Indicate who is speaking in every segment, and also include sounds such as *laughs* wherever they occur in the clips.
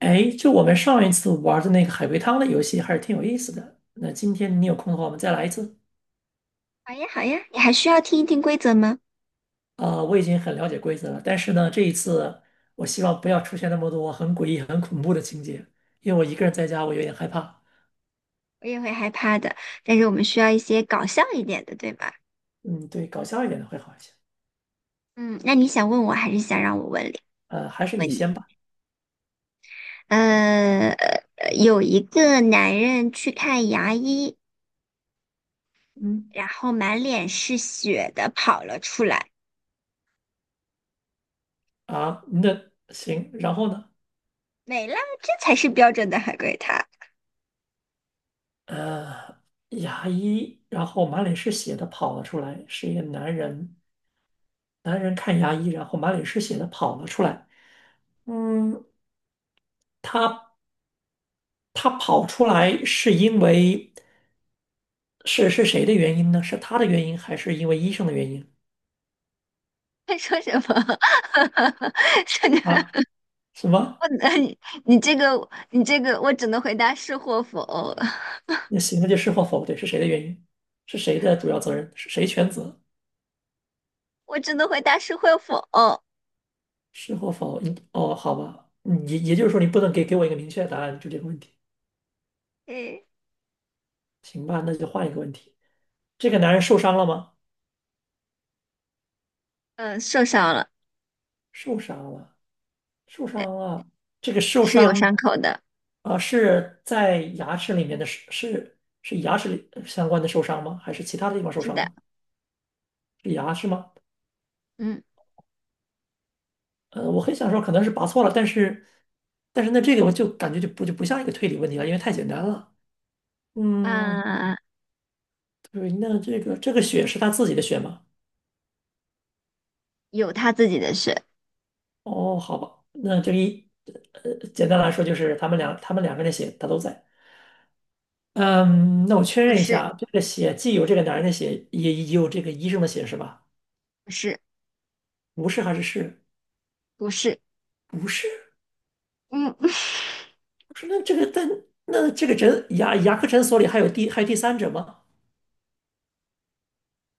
Speaker 1: 哎，就我们上一次玩的那个海龟汤的游戏还是挺有意思的。那今天你有空的话，我们再来一次。
Speaker 2: 好呀，好呀，你还需要听一听规则吗？
Speaker 1: 啊、我已经很了解规则了，但是呢，这一次我希望不要出现那么多很诡异、很恐怖的情节，因为我一个人在家，我有点害怕。
Speaker 2: 我也会害怕的，但是我们需要一些搞笑一点的，对吧？
Speaker 1: 嗯，对，搞笑一点的会好一些。
Speaker 2: 嗯，那你想问我，还是想让我问你？
Speaker 1: 还是你
Speaker 2: 问你，
Speaker 1: 先吧。
Speaker 2: 呃，有一个男人去看牙医，
Speaker 1: 嗯，
Speaker 2: 然后满脸是血的跑了出来，
Speaker 1: 啊，那行，然后呢？
Speaker 2: 没了，这才是标准的海龟汤。
Speaker 1: 呃，牙医，然后满脸是血的跑了出来，是一个男人。男人看牙医，然后满脸是血的跑了出来。嗯，他跑出来是因为是谁的原因呢？是他的原因，还是因为医生的原因
Speaker 2: *laughs* 他说什么？*laughs* 这个，
Speaker 1: 啊？什么？
Speaker 2: 我，你你这个，你这个，我只能回答是或否，
Speaker 1: 那行，那就是或否，对，是谁的原因？是谁的主要责任？是谁全责？
Speaker 2: 我只能回答是或否。
Speaker 1: 是或否？你哦，好吧，嗯也就是说，你不能给我一个明确的答案，就这个问题。
Speaker 2: 哎。
Speaker 1: 行吧，那就换一个问题。这个男人受伤了吗？
Speaker 2: 嗯，受伤了，
Speaker 1: 受伤了，受
Speaker 2: 对，
Speaker 1: 伤了。这个受
Speaker 2: 是有
Speaker 1: 伤
Speaker 2: 伤口的，
Speaker 1: 啊，是在牙齿里面的，是牙齿里相关的受伤吗？还是其他的地方受
Speaker 2: 是
Speaker 1: 伤
Speaker 2: 的，
Speaker 1: 呢？是牙是吗？
Speaker 2: 嗯
Speaker 1: 呃，我很想说可能是拔错了，但是但是那这个我就感觉就不像一个推理问题了，因为太简单了。嗯，
Speaker 2: 啊，
Speaker 1: 对，那这个血是他自己的血吗？
Speaker 2: 有他自己的血，
Speaker 1: 哦，好吧，那这个一呃，简单来说就是他们两个人的血他都在。嗯，那我确
Speaker 2: 不
Speaker 1: 认一下
Speaker 2: 是，
Speaker 1: 啊，这个血既有这个男人的血，也有这个医生的血是吧？
Speaker 2: 不是，
Speaker 1: 不是还是是？
Speaker 2: 不是，
Speaker 1: 不是，
Speaker 2: 嗯，*laughs*
Speaker 1: 不是。那这个但那这个牙科诊所里还有第三者吗？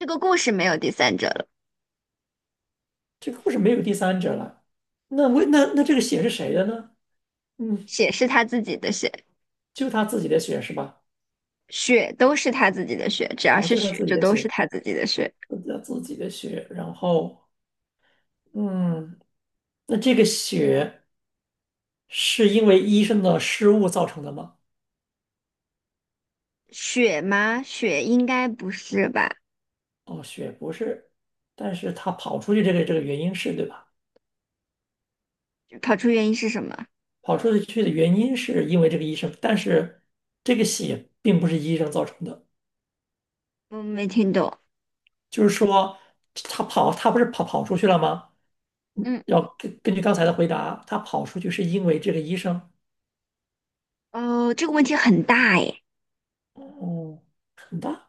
Speaker 2: 这个故事没有第三者了，
Speaker 1: 这个故事没有第三者了，那为那那这个血是谁的呢？嗯，
Speaker 2: 血是他自己的血，
Speaker 1: 就他自己的血是吧？
Speaker 2: 血都是他自己的血，只要
Speaker 1: 哦，
Speaker 2: 是
Speaker 1: 就他
Speaker 2: 血
Speaker 1: 自己
Speaker 2: 就
Speaker 1: 的
Speaker 2: 都是
Speaker 1: 血，
Speaker 2: 他自己的血，
Speaker 1: 就他自己的血。然后，嗯，那这个血是因为医生的失误造成的吗？
Speaker 2: 血吗？血应该不是吧？
Speaker 1: 哦，血不是，但是他跑出去这个原因是对吧？
Speaker 2: 跑出原因是什么？
Speaker 1: 跑出去的原因是因为这个医生，但是这个血并不是医生造成的。
Speaker 2: 我没听懂，
Speaker 1: 就是说他跑，他不是跑出去了吗？嗯
Speaker 2: 嗯，
Speaker 1: 要根据刚才的回答，他跑出去是因为这个医生。
Speaker 2: 哦，这个问题很大诶，
Speaker 1: 哦，很大。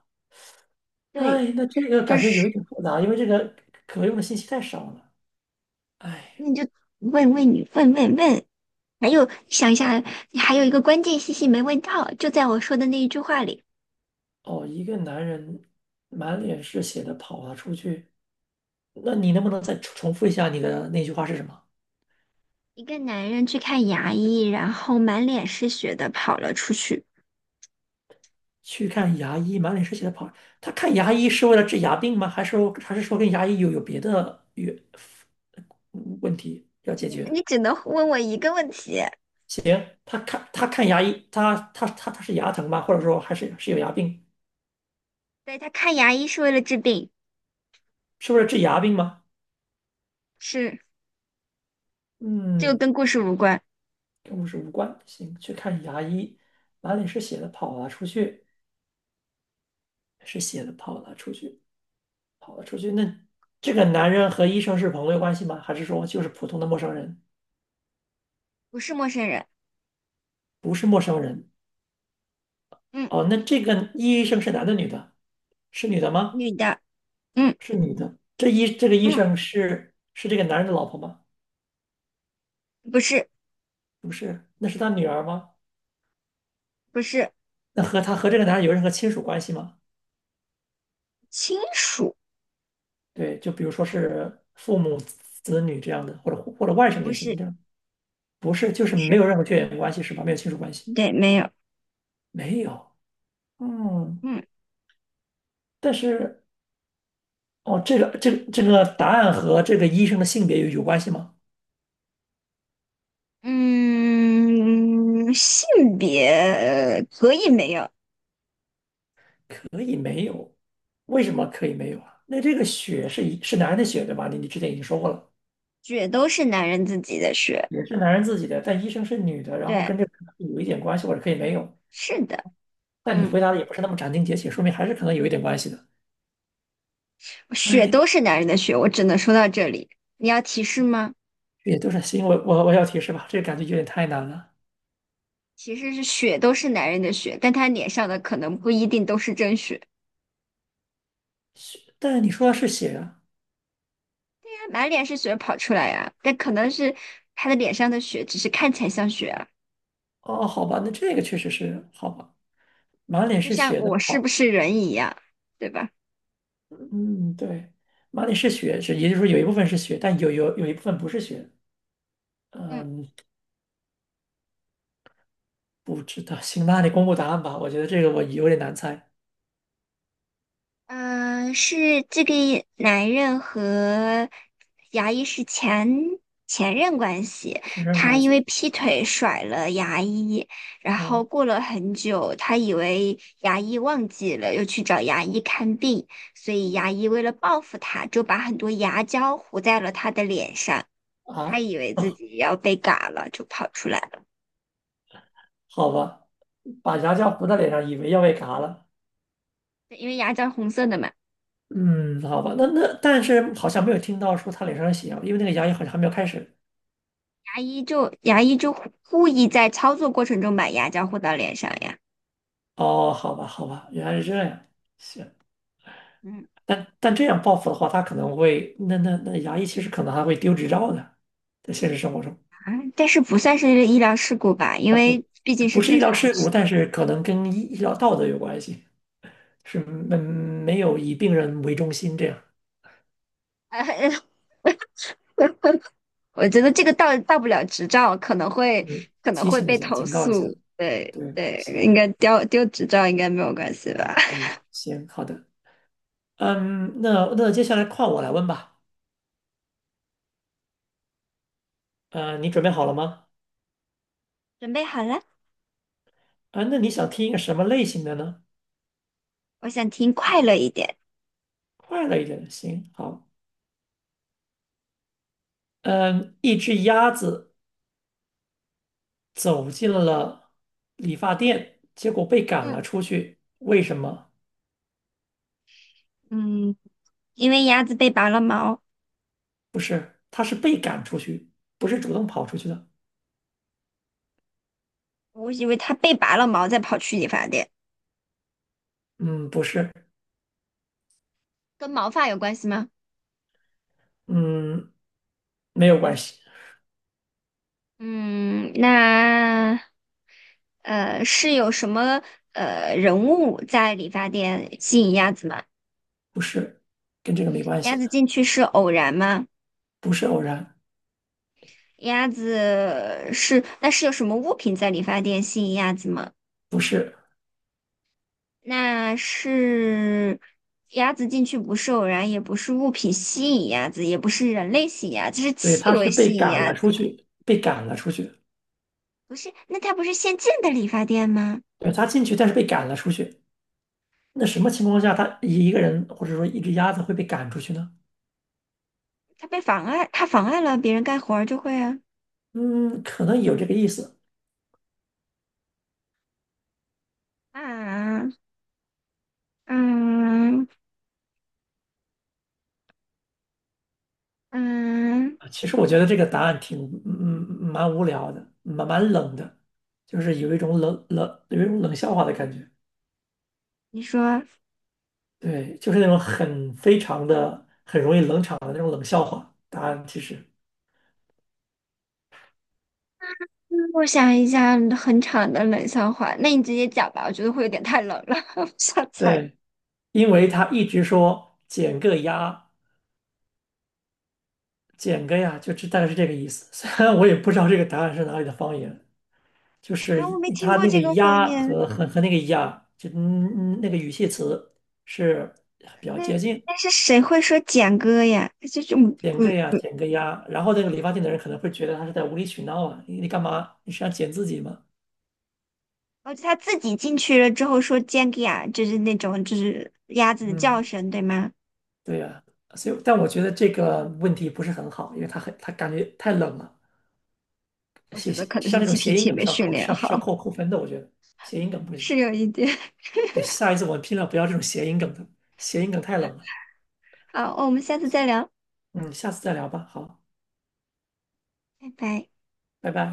Speaker 2: 对，
Speaker 1: 哎，那这个
Speaker 2: 就
Speaker 1: 感觉
Speaker 2: 是
Speaker 1: 有一点复杂，因为这个可用的信息太少了。哎，
Speaker 2: 那你问问你，问问问，还有想一下，还有一个关键信息没问到，就在我说的那一句话里，
Speaker 1: 哦，一个男人满脸是血的跑了出去，那你能不能再重复一下你的那句话是什么？
Speaker 2: 一个男人去看牙医，然后满脸是血的跑了出去。
Speaker 1: 去看牙医，满脸是血的跑。他看牙医是为了治牙病吗？还是还是说跟牙医有别的有问题要解决？
Speaker 2: 你只能问我一个问题，
Speaker 1: 他看牙医，他是牙疼吗？或者说还是是有牙病？
Speaker 2: 对，他看牙医是为了治病，
Speaker 1: 是不是治牙病吗？
Speaker 2: 是，这个
Speaker 1: 嗯，
Speaker 2: 跟故事无关，
Speaker 1: 跟我是无关。行，去看牙医，哪里是写的跑了出去，是写的跑了出去，跑了出去。那这个男人和医生是朋友关系吗？还是说就是普通的陌生人？
Speaker 2: 不是陌生人，
Speaker 1: 不是陌生人。
Speaker 2: 嗯，
Speaker 1: 哦，那这个医生是男的女的？是女的吗？
Speaker 2: 女的，嗯
Speaker 1: 是女的。这医这个医
Speaker 2: 嗯，
Speaker 1: 生是这个男人的老婆吗？
Speaker 2: 不是
Speaker 1: 不是，那是他女儿吗？
Speaker 2: 不是
Speaker 1: 那和他和这个男人有任何亲属关系吗？
Speaker 2: 亲属，
Speaker 1: 对，就比如说是父母、子女这样的，或者或者外甥
Speaker 2: 不
Speaker 1: 也行，
Speaker 2: 是
Speaker 1: 这样不是就
Speaker 2: 不
Speaker 1: 是没
Speaker 2: 是，
Speaker 1: 有任何血缘关系是吧？没有亲属关系，
Speaker 2: 对，没有，
Speaker 1: 没有。嗯，
Speaker 2: 嗯
Speaker 1: 但是哦，这个答案和这个医生的性别有关系吗？
Speaker 2: 嗯，性别可以没有。
Speaker 1: 为什么可以没有啊？那这个血是一是男人的血对吧？你之前已经说过了，
Speaker 2: 血都是男人自己的血，
Speaker 1: 也是男人自己的，但医生是女的，然后
Speaker 2: 对，
Speaker 1: 跟这个可能有一点关系，或者可以没有。
Speaker 2: 是的，
Speaker 1: 但你
Speaker 2: 嗯，
Speaker 1: 回答的也不是那么斩钉截铁，说明还是可能有一点关系的。
Speaker 2: 血都
Speaker 1: 哎，
Speaker 2: 是男人的血，我只能说到这里。你要提示吗？
Speaker 1: 这也都是行，我要提示吧，这个感觉有点太难了。
Speaker 2: 其实是血都是男人的血，但他脸上的可能不一定都是真血，
Speaker 1: 血，但你说的是血啊。
Speaker 2: 对呀满脸是血跑出来呀、但可能是他的脸上的血只是看起来像血啊，
Speaker 1: 哦，好吧，那这个确实是好吧。满脸
Speaker 2: 就
Speaker 1: 是
Speaker 2: 像
Speaker 1: 血
Speaker 2: 我
Speaker 1: 的，
Speaker 2: 是不
Speaker 1: 好，
Speaker 2: 是人一样，对吧？
Speaker 1: 嗯，对，满脸是血，是也就是说有一部分是血，但有一部分不是血。
Speaker 2: 嗯。
Speaker 1: 嗯，不知道，行那你公布答案吧。我觉得这个我有点难猜，
Speaker 2: 嗯，是这个男人和牙医是前任关系，
Speaker 1: 亲身
Speaker 2: 他
Speaker 1: 关
Speaker 2: 因为
Speaker 1: 系。
Speaker 2: 劈腿甩了牙医，然后
Speaker 1: 哦
Speaker 2: 过了很久，他以为牙医忘记了，又去找牙医看病，所以牙医为了报复他，就把很多牙胶糊在了他的脸上，他
Speaker 1: 啊，
Speaker 2: 以为自己要被嘎了，就跑出来了，
Speaker 1: 好吧，把牙胶糊在脸上，以为要被嘎了。
Speaker 2: 因为牙胶红色的嘛，
Speaker 1: 嗯，好吧，那那但是好像没有听到说他脸上有血啊，因为那个牙医好像还没有开始。
Speaker 2: 牙医就故意在操作过程中把牙胶糊到脸上呀。
Speaker 1: 哦，好吧，好吧，原来是这样。行。
Speaker 2: 嗯。
Speaker 1: 但但这样报复的话，他可能会，那那那牙医其实可能还会丢执照的，在现实生活中，
Speaker 2: 啊，但是不算是医疗事故吧，因为毕竟是
Speaker 1: 不是
Speaker 2: 正
Speaker 1: 医疗
Speaker 2: 常。
Speaker 1: 事故，但是可能跟医疗道德有关系，是没有以病人为中心这样，
Speaker 2: *laughs* 我觉得这个到不了执照，可能会
Speaker 1: 嗯，
Speaker 2: 可能
Speaker 1: 提
Speaker 2: 会
Speaker 1: 醒一
Speaker 2: 被
Speaker 1: 下，
Speaker 2: 投
Speaker 1: 警告一下，
Speaker 2: 诉。对
Speaker 1: 对，
Speaker 2: 对，应
Speaker 1: 行，
Speaker 2: 该丢执照应该没有关系吧？
Speaker 1: 嗯，行，好的，嗯，那那接下来换我来问吧，呃，你准备好了吗？
Speaker 2: *laughs* 准备好了，
Speaker 1: 啊，那你想听一个什么类型的呢？
Speaker 2: 我想听快乐一点。
Speaker 1: 快乐一点的，行，好，嗯，一只鸭子走进了理发店，结果被赶
Speaker 2: 嗯
Speaker 1: 了出去。为什么？
Speaker 2: 嗯，因为鸭子被拔了毛，
Speaker 1: 不是，他是被赶出去，不是主动跑出去的。
Speaker 2: 我以为它被拔了毛再跑去理发店，
Speaker 1: 嗯，不是，
Speaker 2: 跟毛发有关系吗？
Speaker 1: 嗯，没有关系，
Speaker 2: 嗯，那是有什么人物在理发店吸引鸭子吗？
Speaker 1: 不是，跟这个没关
Speaker 2: 鸭
Speaker 1: 系，
Speaker 2: 子进去是偶然吗？
Speaker 1: 不是偶然，
Speaker 2: 鸭子是，那是有什么物品在理发店吸引鸭子吗？
Speaker 1: 不是，
Speaker 2: 那是鸭子进去不是偶然，也不是物品吸引鸭子，也不是人类吸引鸭子，是
Speaker 1: 对，
Speaker 2: 气
Speaker 1: 他是
Speaker 2: 味吸
Speaker 1: 被
Speaker 2: 引
Speaker 1: 赶
Speaker 2: 鸭
Speaker 1: 了
Speaker 2: 子。
Speaker 1: 出去，被赶了出去。
Speaker 2: 不是，那它不是现进的理发店吗？
Speaker 1: 对，他进去，但是被赶了出去。那什么情况下，一个人或者说一只鸭子会被赶出去呢？
Speaker 2: 它被妨碍，它妨碍了别人干活儿就会啊
Speaker 1: 嗯，可能有这个意思。
Speaker 2: 啊嗯嗯，
Speaker 1: 其实我觉得这个答案挺嗯嗯蛮无聊的，蛮冷的，就是有一种有一种冷笑话的感觉。
Speaker 2: 你说。
Speaker 1: 对，就是那种很非常的很容易冷场的那种冷笑话。答案其实
Speaker 2: 嗯我想一下，很长的冷笑话，那你直接讲吧，我觉得会有点太冷了，*laughs* 我不想猜。
Speaker 1: 对，因为他一直说减个鸭，减个呀，就这大概是这个意思。*laughs* 虽然我也不知道这个答案是哪里的方言，就是
Speaker 2: 啊，我没听
Speaker 1: 他
Speaker 2: 过
Speaker 1: 那个
Speaker 2: 这个方
Speaker 1: 鸭
Speaker 2: 言，
Speaker 1: 和那个呀，就嗯嗯那个语气词是比较
Speaker 2: 那
Speaker 1: 接近。
Speaker 2: 那是谁会说简哥呀？这种
Speaker 1: 减个
Speaker 2: 嗯，
Speaker 1: 呀，减个呀，然后那个理发店的人可能会觉得他是在无理取闹啊，你你干嘛？你是要剪自己吗？
Speaker 2: 哦，他自己进去了之后说 j 简哥呀，就是那种就是鸭子的叫
Speaker 1: 嗯，
Speaker 2: 声，对吗？
Speaker 1: 对呀，所以但我觉得这个问题不是很好，因为他很他感觉太冷了，
Speaker 2: 我
Speaker 1: 谐
Speaker 2: 觉得
Speaker 1: 谐
Speaker 2: 可能
Speaker 1: 像
Speaker 2: 是
Speaker 1: 那种谐音
Speaker 2: GPT
Speaker 1: 梗
Speaker 2: 没
Speaker 1: 是要
Speaker 2: 训
Speaker 1: 扣
Speaker 2: 练
Speaker 1: 是要
Speaker 2: 好，
Speaker 1: 是要扣扣分的，我觉得谐音梗不行。
Speaker 2: 是有一点。*laughs*
Speaker 1: 对下一次我们尽量不要这种谐音梗的，谐音梗太冷了。
Speaker 2: 好，我们下次再聊，
Speaker 1: 嗯，下次再聊吧，好，
Speaker 2: 拜拜。
Speaker 1: 拜拜。